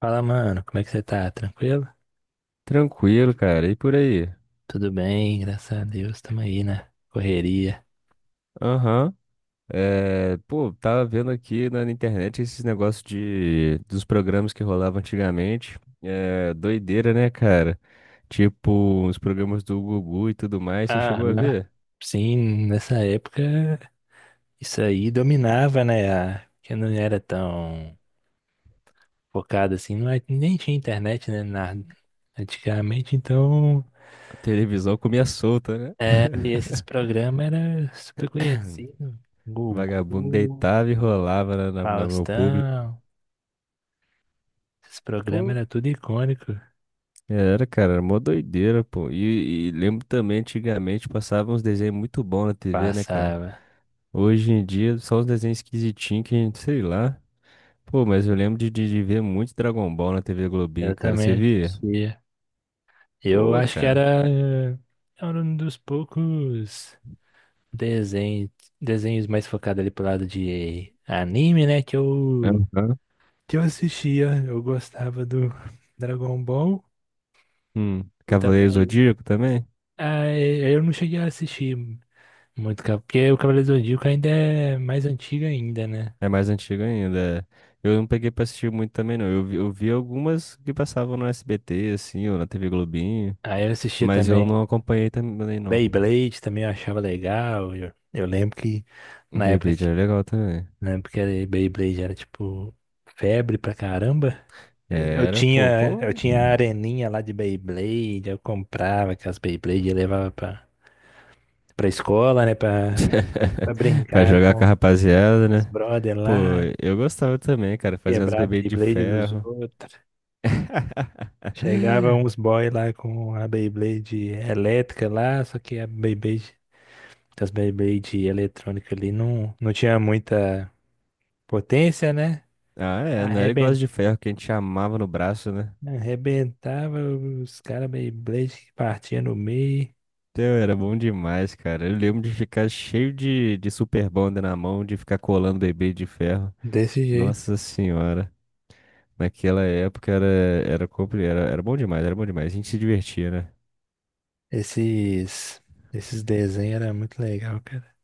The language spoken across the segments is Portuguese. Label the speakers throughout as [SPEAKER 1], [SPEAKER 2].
[SPEAKER 1] Fala, mano, como é que você tá? Tranquilo?
[SPEAKER 2] Tranquilo, cara. E por aí?
[SPEAKER 1] Tudo bem, graças a Deus, tamo aí na correria.
[SPEAKER 2] Aham. Pô, tava vendo aqui na internet esses negócios dos programas que rolavam antigamente. É, doideira, né, cara? Tipo, os programas do Gugu e tudo mais. Você
[SPEAKER 1] Ah,
[SPEAKER 2] chegou a
[SPEAKER 1] né,
[SPEAKER 2] ver?
[SPEAKER 1] sim, nessa época isso aí dominava, né? Que não era tão focado assim, não, nem tinha internet, né? Nada. Antigamente, então,
[SPEAKER 2] A televisão comia solta, né?
[SPEAKER 1] é, e esses programas eram super conhecidos.
[SPEAKER 2] Vagabundo
[SPEAKER 1] Gugu,
[SPEAKER 2] deitava e rolava no público.
[SPEAKER 1] Faustão, esses programas
[SPEAKER 2] Pô,
[SPEAKER 1] eram tudo icônico.
[SPEAKER 2] era, cara, era mó doideira, pô. E lembro também, antigamente, passava uns desenhos muito bons na TV, né, cara?
[SPEAKER 1] Passava.
[SPEAKER 2] Hoje em dia, só os desenhos esquisitinhos que a gente, sei lá. Pô, mas eu lembro de ver muito Dragon Ball na TV Globinho,
[SPEAKER 1] Eu
[SPEAKER 2] cara. Você
[SPEAKER 1] também
[SPEAKER 2] via?
[SPEAKER 1] assistia. Eu
[SPEAKER 2] Pô,
[SPEAKER 1] acho que
[SPEAKER 2] cara.
[SPEAKER 1] era um dos poucos desenhos, desenhos mais focados ali pro lado de anime, né? Que eu,
[SPEAKER 2] Aham.
[SPEAKER 1] que eu assistia. Eu gostava do Dragon Ball.
[SPEAKER 2] Hum.
[SPEAKER 1] Eu
[SPEAKER 2] Cavaleiro
[SPEAKER 1] também.
[SPEAKER 2] Zodíaco também?
[SPEAKER 1] Ah, eu não cheguei a assistir muito, porque o Cavaleiro do Zodíaco ainda é mais antigo ainda, né?
[SPEAKER 2] É mais antigo ainda, é. Eu não peguei pra assistir muito também, não. Eu vi algumas que passavam no SBT, assim, ou na TV Globinho.
[SPEAKER 1] Aí eu assistia
[SPEAKER 2] Mas eu não
[SPEAKER 1] também
[SPEAKER 2] acompanhei também, não.
[SPEAKER 1] Beyblade, também eu achava legal. Eu lembro que na época,
[SPEAKER 2] Beyblade era legal também.
[SPEAKER 1] Beyblade era tipo febre pra caramba. Eu
[SPEAKER 2] Era, pô,
[SPEAKER 1] tinha, eu
[SPEAKER 2] pô.
[SPEAKER 1] tinha a areninha lá de Beyblade, eu comprava aquelas Beyblade e levava pra, escola, né? Pra
[SPEAKER 2] Pra
[SPEAKER 1] brincar
[SPEAKER 2] jogar com
[SPEAKER 1] com
[SPEAKER 2] a rapaziada,
[SPEAKER 1] os
[SPEAKER 2] né?
[SPEAKER 1] brother
[SPEAKER 2] Pô,
[SPEAKER 1] lá,
[SPEAKER 2] eu gostava também, cara, fazer umas
[SPEAKER 1] quebrar a
[SPEAKER 2] bebês de
[SPEAKER 1] Beyblade dos
[SPEAKER 2] ferro.
[SPEAKER 1] outros. Chegava uns boy lá com a Beyblade elétrica lá, só que as Beyblade eletrônica ali não, não tinha muita potência, né?
[SPEAKER 2] Ah, é, não era igual as
[SPEAKER 1] Arreben-
[SPEAKER 2] de ferro que a gente amava no braço, né?
[SPEAKER 1] Arrebentava os caras Beyblade que partiam no meio,
[SPEAKER 2] Teu, era bom demais, cara. Eu lembro de ficar cheio de super bonder na mão, de ficar colando bebê de ferro.
[SPEAKER 1] desse jeito.
[SPEAKER 2] Nossa senhora. Naquela época era bom demais, era bom demais. A gente se divertia, né?
[SPEAKER 1] Esses, esses desenhos eram muito legal, cara.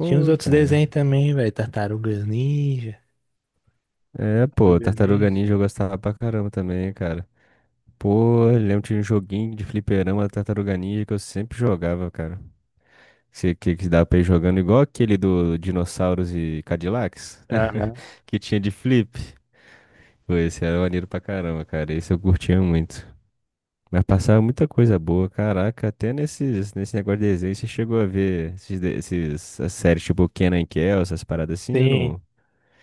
[SPEAKER 1] Tinha uns outros
[SPEAKER 2] cara.
[SPEAKER 1] desenhos também, velho. Tartarugas Ninja.
[SPEAKER 2] É, pô,
[SPEAKER 1] Tartarugas
[SPEAKER 2] Tartaruga
[SPEAKER 1] Ninja.
[SPEAKER 2] Ninja eu gostava pra caramba também, cara. Pô, eu lembro de um joguinho de fliperama Tartaruga Ninja que eu sempre jogava, cara. Que dava pra ir jogando igual aquele do Dinossauros e Cadillacs,
[SPEAKER 1] Aham.
[SPEAKER 2] que tinha de flip. Pô, esse era maneiro pra caramba, cara. Esse eu curtia muito. Mas passava muita coisa boa, caraca. Até nesse negócio de desenho, você chegou a ver esses, as séries tipo Kenan e Kel, essas paradas assim, eu
[SPEAKER 1] Sim.
[SPEAKER 2] não.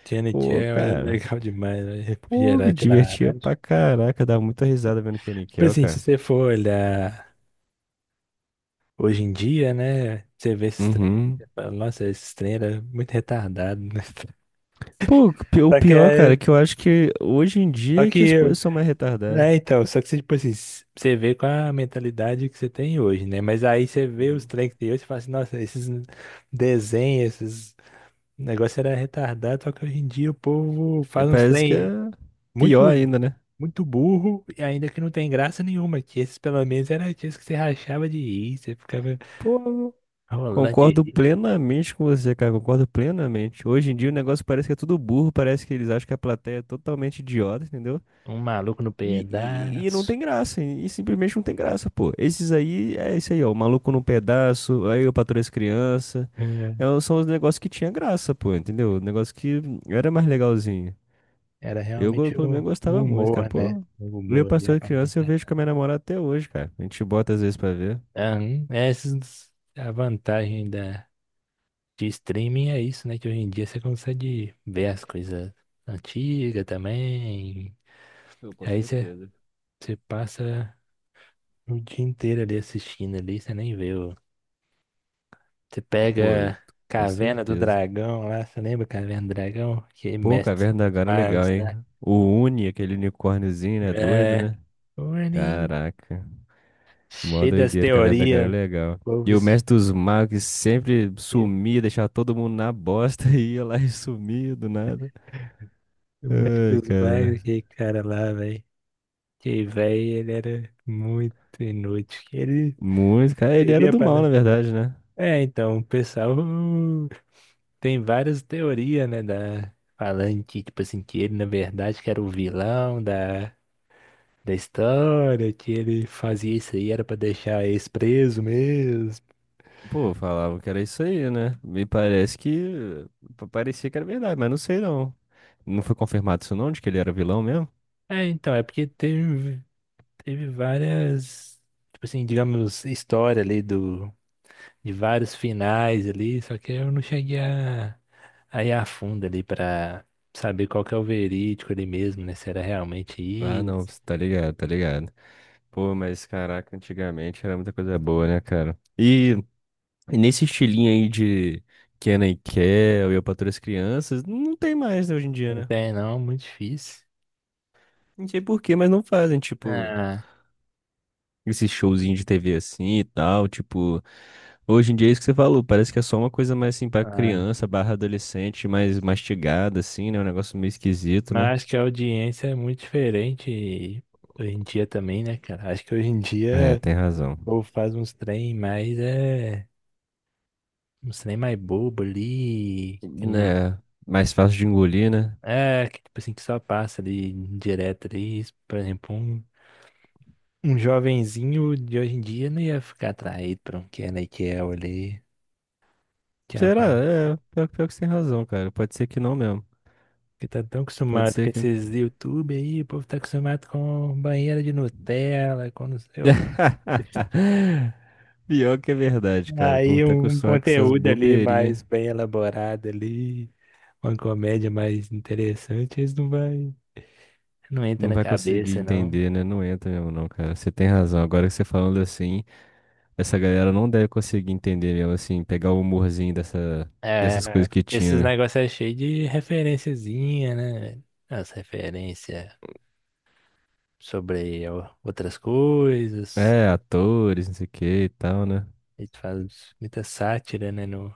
[SPEAKER 1] Tiana e
[SPEAKER 2] Pô,
[SPEAKER 1] era
[SPEAKER 2] cara.
[SPEAKER 1] legal demais, velho.
[SPEAKER 2] Pô, me
[SPEAKER 1] Refrigerante
[SPEAKER 2] divertia
[SPEAKER 1] laranja.
[SPEAKER 2] pra caraca. Dava muita risada vendo Kenan e
[SPEAKER 1] Tipo
[SPEAKER 2] Kel,
[SPEAKER 1] assim, se
[SPEAKER 2] cara.
[SPEAKER 1] você for olhar hoje em dia, né? Você vê esses trem.
[SPEAKER 2] Uhum.
[SPEAKER 1] Você fala, "Nossa, esses trem era muito retardado", né?
[SPEAKER 2] Pô, o
[SPEAKER 1] Só que,
[SPEAKER 2] pior, cara, é que eu acho que hoje em
[SPEAKER 1] só
[SPEAKER 2] dia é que as
[SPEAKER 1] que,
[SPEAKER 2] coisas são mais retardadas.
[SPEAKER 1] é, então, só que você, tipo assim, você vê com a mentalidade que você tem hoje, né? Mas aí você vê os
[SPEAKER 2] Uhum.
[SPEAKER 1] trem que tem hoje e fala assim, nossa, esses desenhos, esses negócios era retardado, só que hoje em dia o povo
[SPEAKER 2] É,
[SPEAKER 1] faz uns
[SPEAKER 2] parece que é
[SPEAKER 1] trem
[SPEAKER 2] pior
[SPEAKER 1] muito,
[SPEAKER 2] ainda, né?
[SPEAKER 1] muito burro e ainda que não tem graça nenhuma, que esses pelo menos era aqueles que você rachava de rir, você ficava
[SPEAKER 2] Pô,
[SPEAKER 1] rolando de
[SPEAKER 2] concordo
[SPEAKER 1] rir,
[SPEAKER 2] plenamente com você, cara, concordo plenamente. Hoje em dia o negócio parece que é tudo burro, parece que eles acham que a plateia é totalmente idiota, entendeu?
[SPEAKER 1] um maluco no
[SPEAKER 2] E não
[SPEAKER 1] pedaço.
[SPEAKER 2] tem graça, e simplesmente não tem graça, pô. Esses aí, é isso aí, ó, o maluco num pedaço, aí o patroa e as crianças.
[SPEAKER 1] É,
[SPEAKER 2] É, são os negócios que tinha graça, pô, entendeu? O negócio que era mais legalzinho.
[SPEAKER 1] era realmente
[SPEAKER 2] Pelo menos,
[SPEAKER 1] o
[SPEAKER 2] gostava muito, cara.
[SPEAKER 1] humor, né?
[SPEAKER 2] Pô,
[SPEAKER 1] O
[SPEAKER 2] eu
[SPEAKER 1] humor ali, a
[SPEAKER 2] Pastor de
[SPEAKER 1] parte.
[SPEAKER 2] Criança eu vejo com a minha namorada até hoje, cara. A gente bota às vezes pra ver.
[SPEAKER 1] Aham, Essas a vantagem de streaming é isso, né? Que hoje em dia você consegue ver as coisas antigas também.
[SPEAKER 2] Eu, com
[SPEAKER 1] Aí você,
[SPEAKER 2] certeza.
[SPEAKER 1] você passa o dia inteiro ali assistindo ali, você nem vê o. Você
[SPEAKER 2] Pô,
[SPEAKER 1] pega
[SPEAKER 2] com
[SPEAKER 1] Caverna do
[SPEAKER 2] certeza.
[SPEAKER 1] Dragão lá, você lembra Caverna do Dragão? Que é
[SPEAKER 2] Pô,
[SPEAKER 1] mestre
[SPEAKER 2] Caverna da
[SPEAKER 1] dos
[SPEAKER 2] Gaara é legal,
[SPEAKER 1] magos,
[SPEAKER 2] hein?
[SPEAKER 1] né?
[SPEAKER 2] O Uni, aquele unicórniozinho, né? Doido,
[SPEAKER 1] É.
[SPEAKER 2] né?
[SPEAKER 1] Orne,
[SPEAKER 2] Caraca. Mó
[SPEAKER 1] cheio das
[SPEAKER 2] doideira, Caverna da Gaara é
[SPEAKER 1] teorias. O
[SPEAKER 2] legal.
[SPEAKER 1] povo,
[SPEAKER 2] E o Mestre dos Magos que sempre sumia, deixava todo mundo na bosta e ia lá e sumia do nada.
[SPEAKER 1] o mestre
[SPEAKER 2] Ai,
[SPEAKER 1] dos magos,
[SPEAKER 2] cara.
[SPEAKER 1] aquele cara lá, velho. Que velho, ele era muito inútil. Que ele
[SPEAKER 2] Muito, cara. Ele era
[SPEAKER 1] servia
[SPEAKER 2] do mal,
[SPEAKER 1] para.
[SPEAKER 2] na verdade, né?
[SPEAKER 1] É, então, o pessoal tem várias teorias, né? Da... Falando que, tipo assim, que ele, na verdade, que era o vilão da história, que ele fazia isso aí, era pra deixar eles preso mesmo.
[SPEAKER 2] Pô, falavam que era isso aí, né? Me parece que parecia que era verdade, mas não sei não. Não foi confirmado isso não, de que ele era vilão mesmo?
[SPEAKER 1] É, então, é porque teve várias, tipo assim, digamos, história ali de vários finais ali, só que eu não cheguei a. Aí afunda ali pra saber qual que é o verídico ali mesmo, né? Se era realmente
[SPEAKER 2] Ah, não,
[SPEAKER 1] isso.
[SPEAKER 2] cê tá ligado, tá ligado. Pô, mas caraca, antigamente era muita coisa boa, né, cara? E nesse estilinho aí de Kenna e Kel e Eu, Patroa e as Crianças, não tem mais, né, hoje em dia,
[SPEAKER 1] Não
[SPEAKER 2] né?
[SPEAKER 1] tem, não, muito difícil.
[SPEAKER 2] Não sei por quê, mas não fazem, tipo,
[SPEAKER 1] Ah,
[SPEAKER 2] esse showzinho de TV assim e tal, tipo. Hoje em dia é isso que você falou, parece que é só uma coisa mais assim pra
[SPEAKER 1] ah.
[SPEAKER 2] criança, barra adolescente, mais mastigada assim, né? Um negócio meio esquisito, né?
[SPEAKER 1] Mas acho que a audiência é muito diferente hoje em dia também, né, cara? Acho que hoje em
[SPEAKER 2] É,
[SPEAKER 1] dia
[SPEAKER 2] tem razão.
[SPEAKER 1] o povo faz uns trem mais, é, uns trem mais bobo ali, que não,
[SPEAKER 2] É, mais fácil de engolir, né?
[SPEAKER 1] é, que tipo assim, que só passa ali direto ali. Por exemplo, um jovenzinho de hoje em dia não ia ficar atraído pra um Kenan e Kel ali. Que é uma
[SPEAKER 2] Será? É, pior, pior que você tem razão, cara. Pode ser que não mesmo.
[SPEAKER 1] Que tá tão
[SPEAKER 2] Pode
[SPEAKER 1] acostumado
[SPEAKER 2] ser
[SPEAKER 1] com
[SPEAKER 2] que.
[SPEAKER 1] esses YouTube aí, o povo tá acostumado com banheira de Nutella, com não sei o...
[SPEAKER 2] Pior que é verdade, cara. O povo
[SPEAKER 1] Aí
[SPEAKER 2] tá
[SPEAKER 1] um
[SPEAKER 2] acostumado com essas
[SPEAKER 1] conteúdo ali
[SPEAKER 2] bobeirinhas.
[SPEAKER 1] mais bem elaborado ali, uma comédia mais interessante, eles não vai, não entra
[SPEAKER 2] Não
[SPEAKER 1] na
[SPEAKER 2] vai conseguir
[SPEAKER 1] cabeça, não.
[SPEAKER 2] entender, né? Não entra mesmo, não, cara. Você tem razão. Agora que você falando assim, essa galera não deve conseguir entender mesmo, assim, pegar o humorzinho dessa, dessas coisas
[SPEAKER 1] É,
[SPEAKER 2] que
[SPEAKER 1] esses
[SPEAKER 2] tinha,
[SPEAKER 1] negócios é cheio de referenciazinha, né? As referências sobre outras coisas,
[SPEAKER 2] né? É, atores, não sei o que e tal, né?
[SPEAKER 1] eles fazem muita sátira, né, no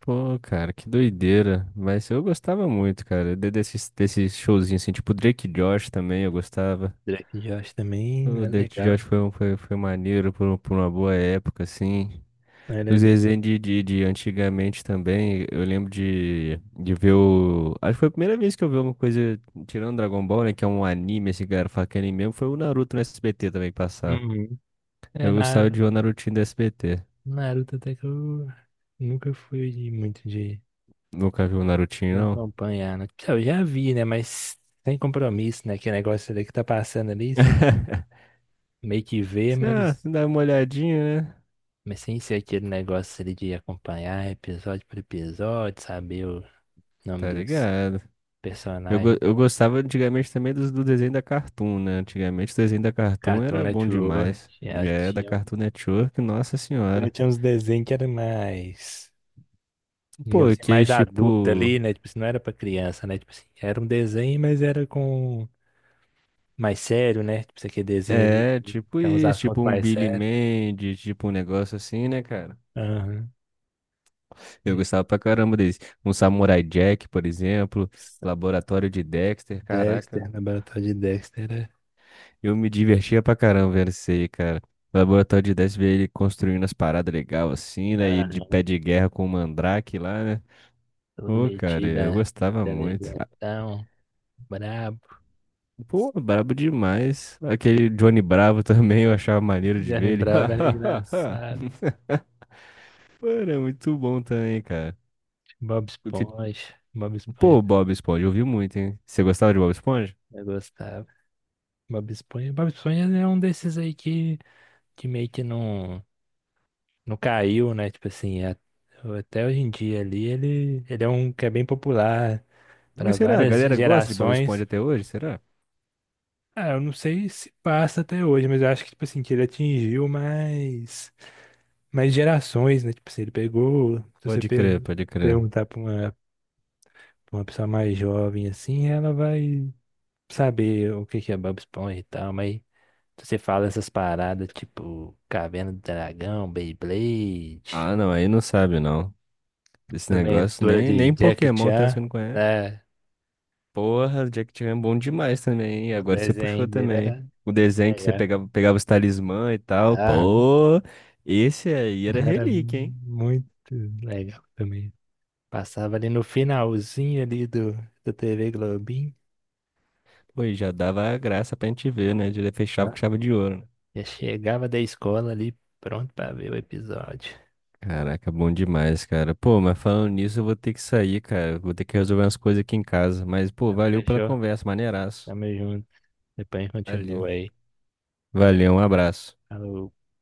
[SPEAKER 2] Pô, cara, que doideira. Mas eu gostava muito, cara. Desses, desses showzinhos, assim, tipo Drake e Josh também, eu gostava.
[SPEAKER 1] Drake Josh também,
[SPEAKER 2] O
[SPEAKER 1] é
[SPEAKER 2] Drake e
[SPEAKER 1] legal,
[SPEAKER 2] Josh foi, foi maneiro por uma boa época, assim. Os
[SPEAKER 1] é
[SPEAKER 2] desenhos de antigamente também, eu lembro de ver o. Acho que foi a primeira vez que eu vi uma coisa, tirando Dragon Ball, né? Que é um anime, esse que a fala que é anime mesmo, foi o Naruto no SBT também que passava.
[SPEAKER 1] legal. É,
[SPEAKER 2] Eu gostava
[SPEAKER 1] na
[SPEAKER 2] de ver o Narutinho do SBT.
[SPEAKER 1] Naruto até que eu nunca fui muito de,
[SPEAKER 2] Nunca vi o Narutinho,
[SPEAKER 1] de
[SPEAKER 2] não.
[SPEAKER 1] acompanhar, né? Então, eu já vi, né? Mas sem compromisso, né? Que negócio ali que tá passando ali, você meio que vê,
[SPEAKER 2] Ah,
[SPEAKER 1] mas,
[SPEAKER 2] dá uma olhadinha, né?
[SPEAKER 1] mas sem ser aquele negócio ali de acompanhar episódio por episódio, saber o nome
[SPEAKER 2] Tá
[SPEAKER 1] dos
[SPEAKER 2] ligado?
[SPEAKER 1] personagens.
[SPEAKER 2] Eu gostava antigamente também do desenho da Cartoon, né? Antigamente o desenho da Cartoon
[SPEAKER 1] Cartoon
[SPEAKER 2] era bom
[SPEAKER 1] Network,
[SPEAKER 2] demais.
[SPEAKER 1] já
[SPEAKER 2] É, da
[SPEAKER 1] tinha, um,
[SPEAKER 2] Cartoon Network, nossa
[SPEAKER 1] já
[SPEAKER 2] senhora.
[SPEAKER 1] tinha uns desenhos que era mais, digamos
[SPEAKER 2] Pô,
[SPEAKER 1] assim,
[SPEAKER 2] que
[SPEAKER 1] mais adulto
[SPEAKER 2] tipo.
[SPEAKER 1] ali, né? Tipo assim, não era pra criança, né? Tipo assim, era um desenho, mas era com mais sério, né? Tipo, essa QDzinha ali,
[SPEAKER 2] É, tipo
[SPEAKER 1] tem uns
[SPEAKER 2] isso,
[SPEAKER 1] assuntos
[SPEAKER 2] tipo um
[SPEAKER 1] mais
[SPEAKER 2] Billy
[SPEAKER 1] sérios.
[SPEAKER 2] Mandy, tipo um negócio assim, né, cara?
[SPEAKER 1] Aham.
[SPEAKER 2] Eu
[SPEAKER 1] Isso.
[SPEAKER 2] gostava pra caramba desse. Um Samurai Jack, por exemplo, Laboratório de Dexter, caraca.
[SPEAKER 1] Dexter, laboratório de Dexter.
[SPEAKER 2] Eu me divertia pra caramba vendo isso aí, cara. O Laboratório de Dexter, ver ele construindo as paradas legais assim, né? E ele de
[SPEAKER 1] Aham.
[SPEAKER 2] pé de guerra com o Mandrake lá, né?
[SPEAKER 1] Todo
[SPEAKER 2] Pô, cara,
[SPEAKER 1] metido,
[SPEAKER 2] eu
[SPEAKER 1] né?
[SPEAKER 2] gostava muito. Ah,
[SPEAKER 1] Inteligentão, brabo.
[SPEAKER 2] pô, brabo demais. Aquele Johnny Bravo também, eu achava maneiro de
[SPEAKER 1] Já
[SPEAKER 2] ver ele.
[SPEAKER 1] lembrava, era engraçado.
[SPEAKER 2] Pô, era muito bom também, cara.
[SPEAKER 1] Bob Esponja. Bob Esponja,
[SPEAKER 2] Pô, Bob Esponja, eu vi muito, hein? Você gostava de Bob Esponja?
[SPEAKER 1] eu gostava. Bob Esponja. Bob Esponja é um desses aí que meio que não, não caiu, né? Tipo assim, até hoje em dia ali, ele é um que é bem popular para
[SPEAKER 2] Mas será? A
[SPEAKER 1] várias
[SPEAKER 2] galera gosta de Bob Esponja
[SPEAKER 1] gerações.
[SPEAKER 2] até hoje, será?
[SPEAKER 1] Ah, eu não sei se passa até hoje, mas eu acho que, tipo assim, que ele atingiu mais, mais gerações, né? Tipo assim, ele pegou. Se você
[SPEAKER 2] Pode crer, pode crer.
[SPEAKER 1] perguntar pra uma pessoa mais jovem, assim, ela vai saber o que que é Bob Esponja e tal, mas se você fala essas paradas, tipo Caverna do Dragão, Beyblade,
[SPEAKER 2] Ah, não, aí não sabe, não. Esse negócio,
[SPEAKER 1] Aventura
[SPEAKER 2] nem,
[SPEAKER 1] de
[SPEAKER 2] nem
[SPEAKER 1] Jack
[SPEAKER 2] Pokémon tem os que
[SPEAKER 1] Chan,
[SPEAKER 2] não conhece.
[SPEAKER 1] né?
[SPEAKER 2] Porra, Jack Chan é bom demais também, hein?
[SPEAKER 1] O
[SPEAKER 2] Agora você puxou
[SPEAKER 1] desenho dele
[SPEAKER 2] também, hein?
[SPEAKER 1] era
[SPEAKER 2] O desenho que você
[SPEAKER 1] legal.
[SPEAKER 2] pegava, pegava os talismã e tal.
[SPEAKER 1] Aham,
[SPEAKER 2] Pô, esse aí era
[SPEAKER 1] era
[SPEAKER 2] relíquia, hein?
[SPEAKER 1] muito legal também. Passava ali no finalzinho ali do TV Globinho,
[SPEAKER 2] Pô, e já dava a graça pra gente ver, né? Já fechava com
[SPEAKER 1] né?
[SPEAKER 2] chave de ouro, né?
[SPEAKER 1] Já chegava da escola ali pronto pra ver o episódio.
[SPEAKER 2] Caraca, bom demais, cara. Pô, mas falando nisso, eu vou ter que sair, cara. Vou ter que resolver umas coisas aqui em casa. Mas, pô,
[SPEAKER 1] Então,
[SPEAKER 2] valeu pela
[SPEAKER 1] fechou?
[SPEAKER 2] conversa, maneiraço.
[SPEAKER 1] Tamo junto. Depois a gente
[SPEAKER 2] Valeu.
[SPEAKER 1] continua aí.
[SPEAKER 2] Valeu, um abraço.
[SPEAKER 1] Falou.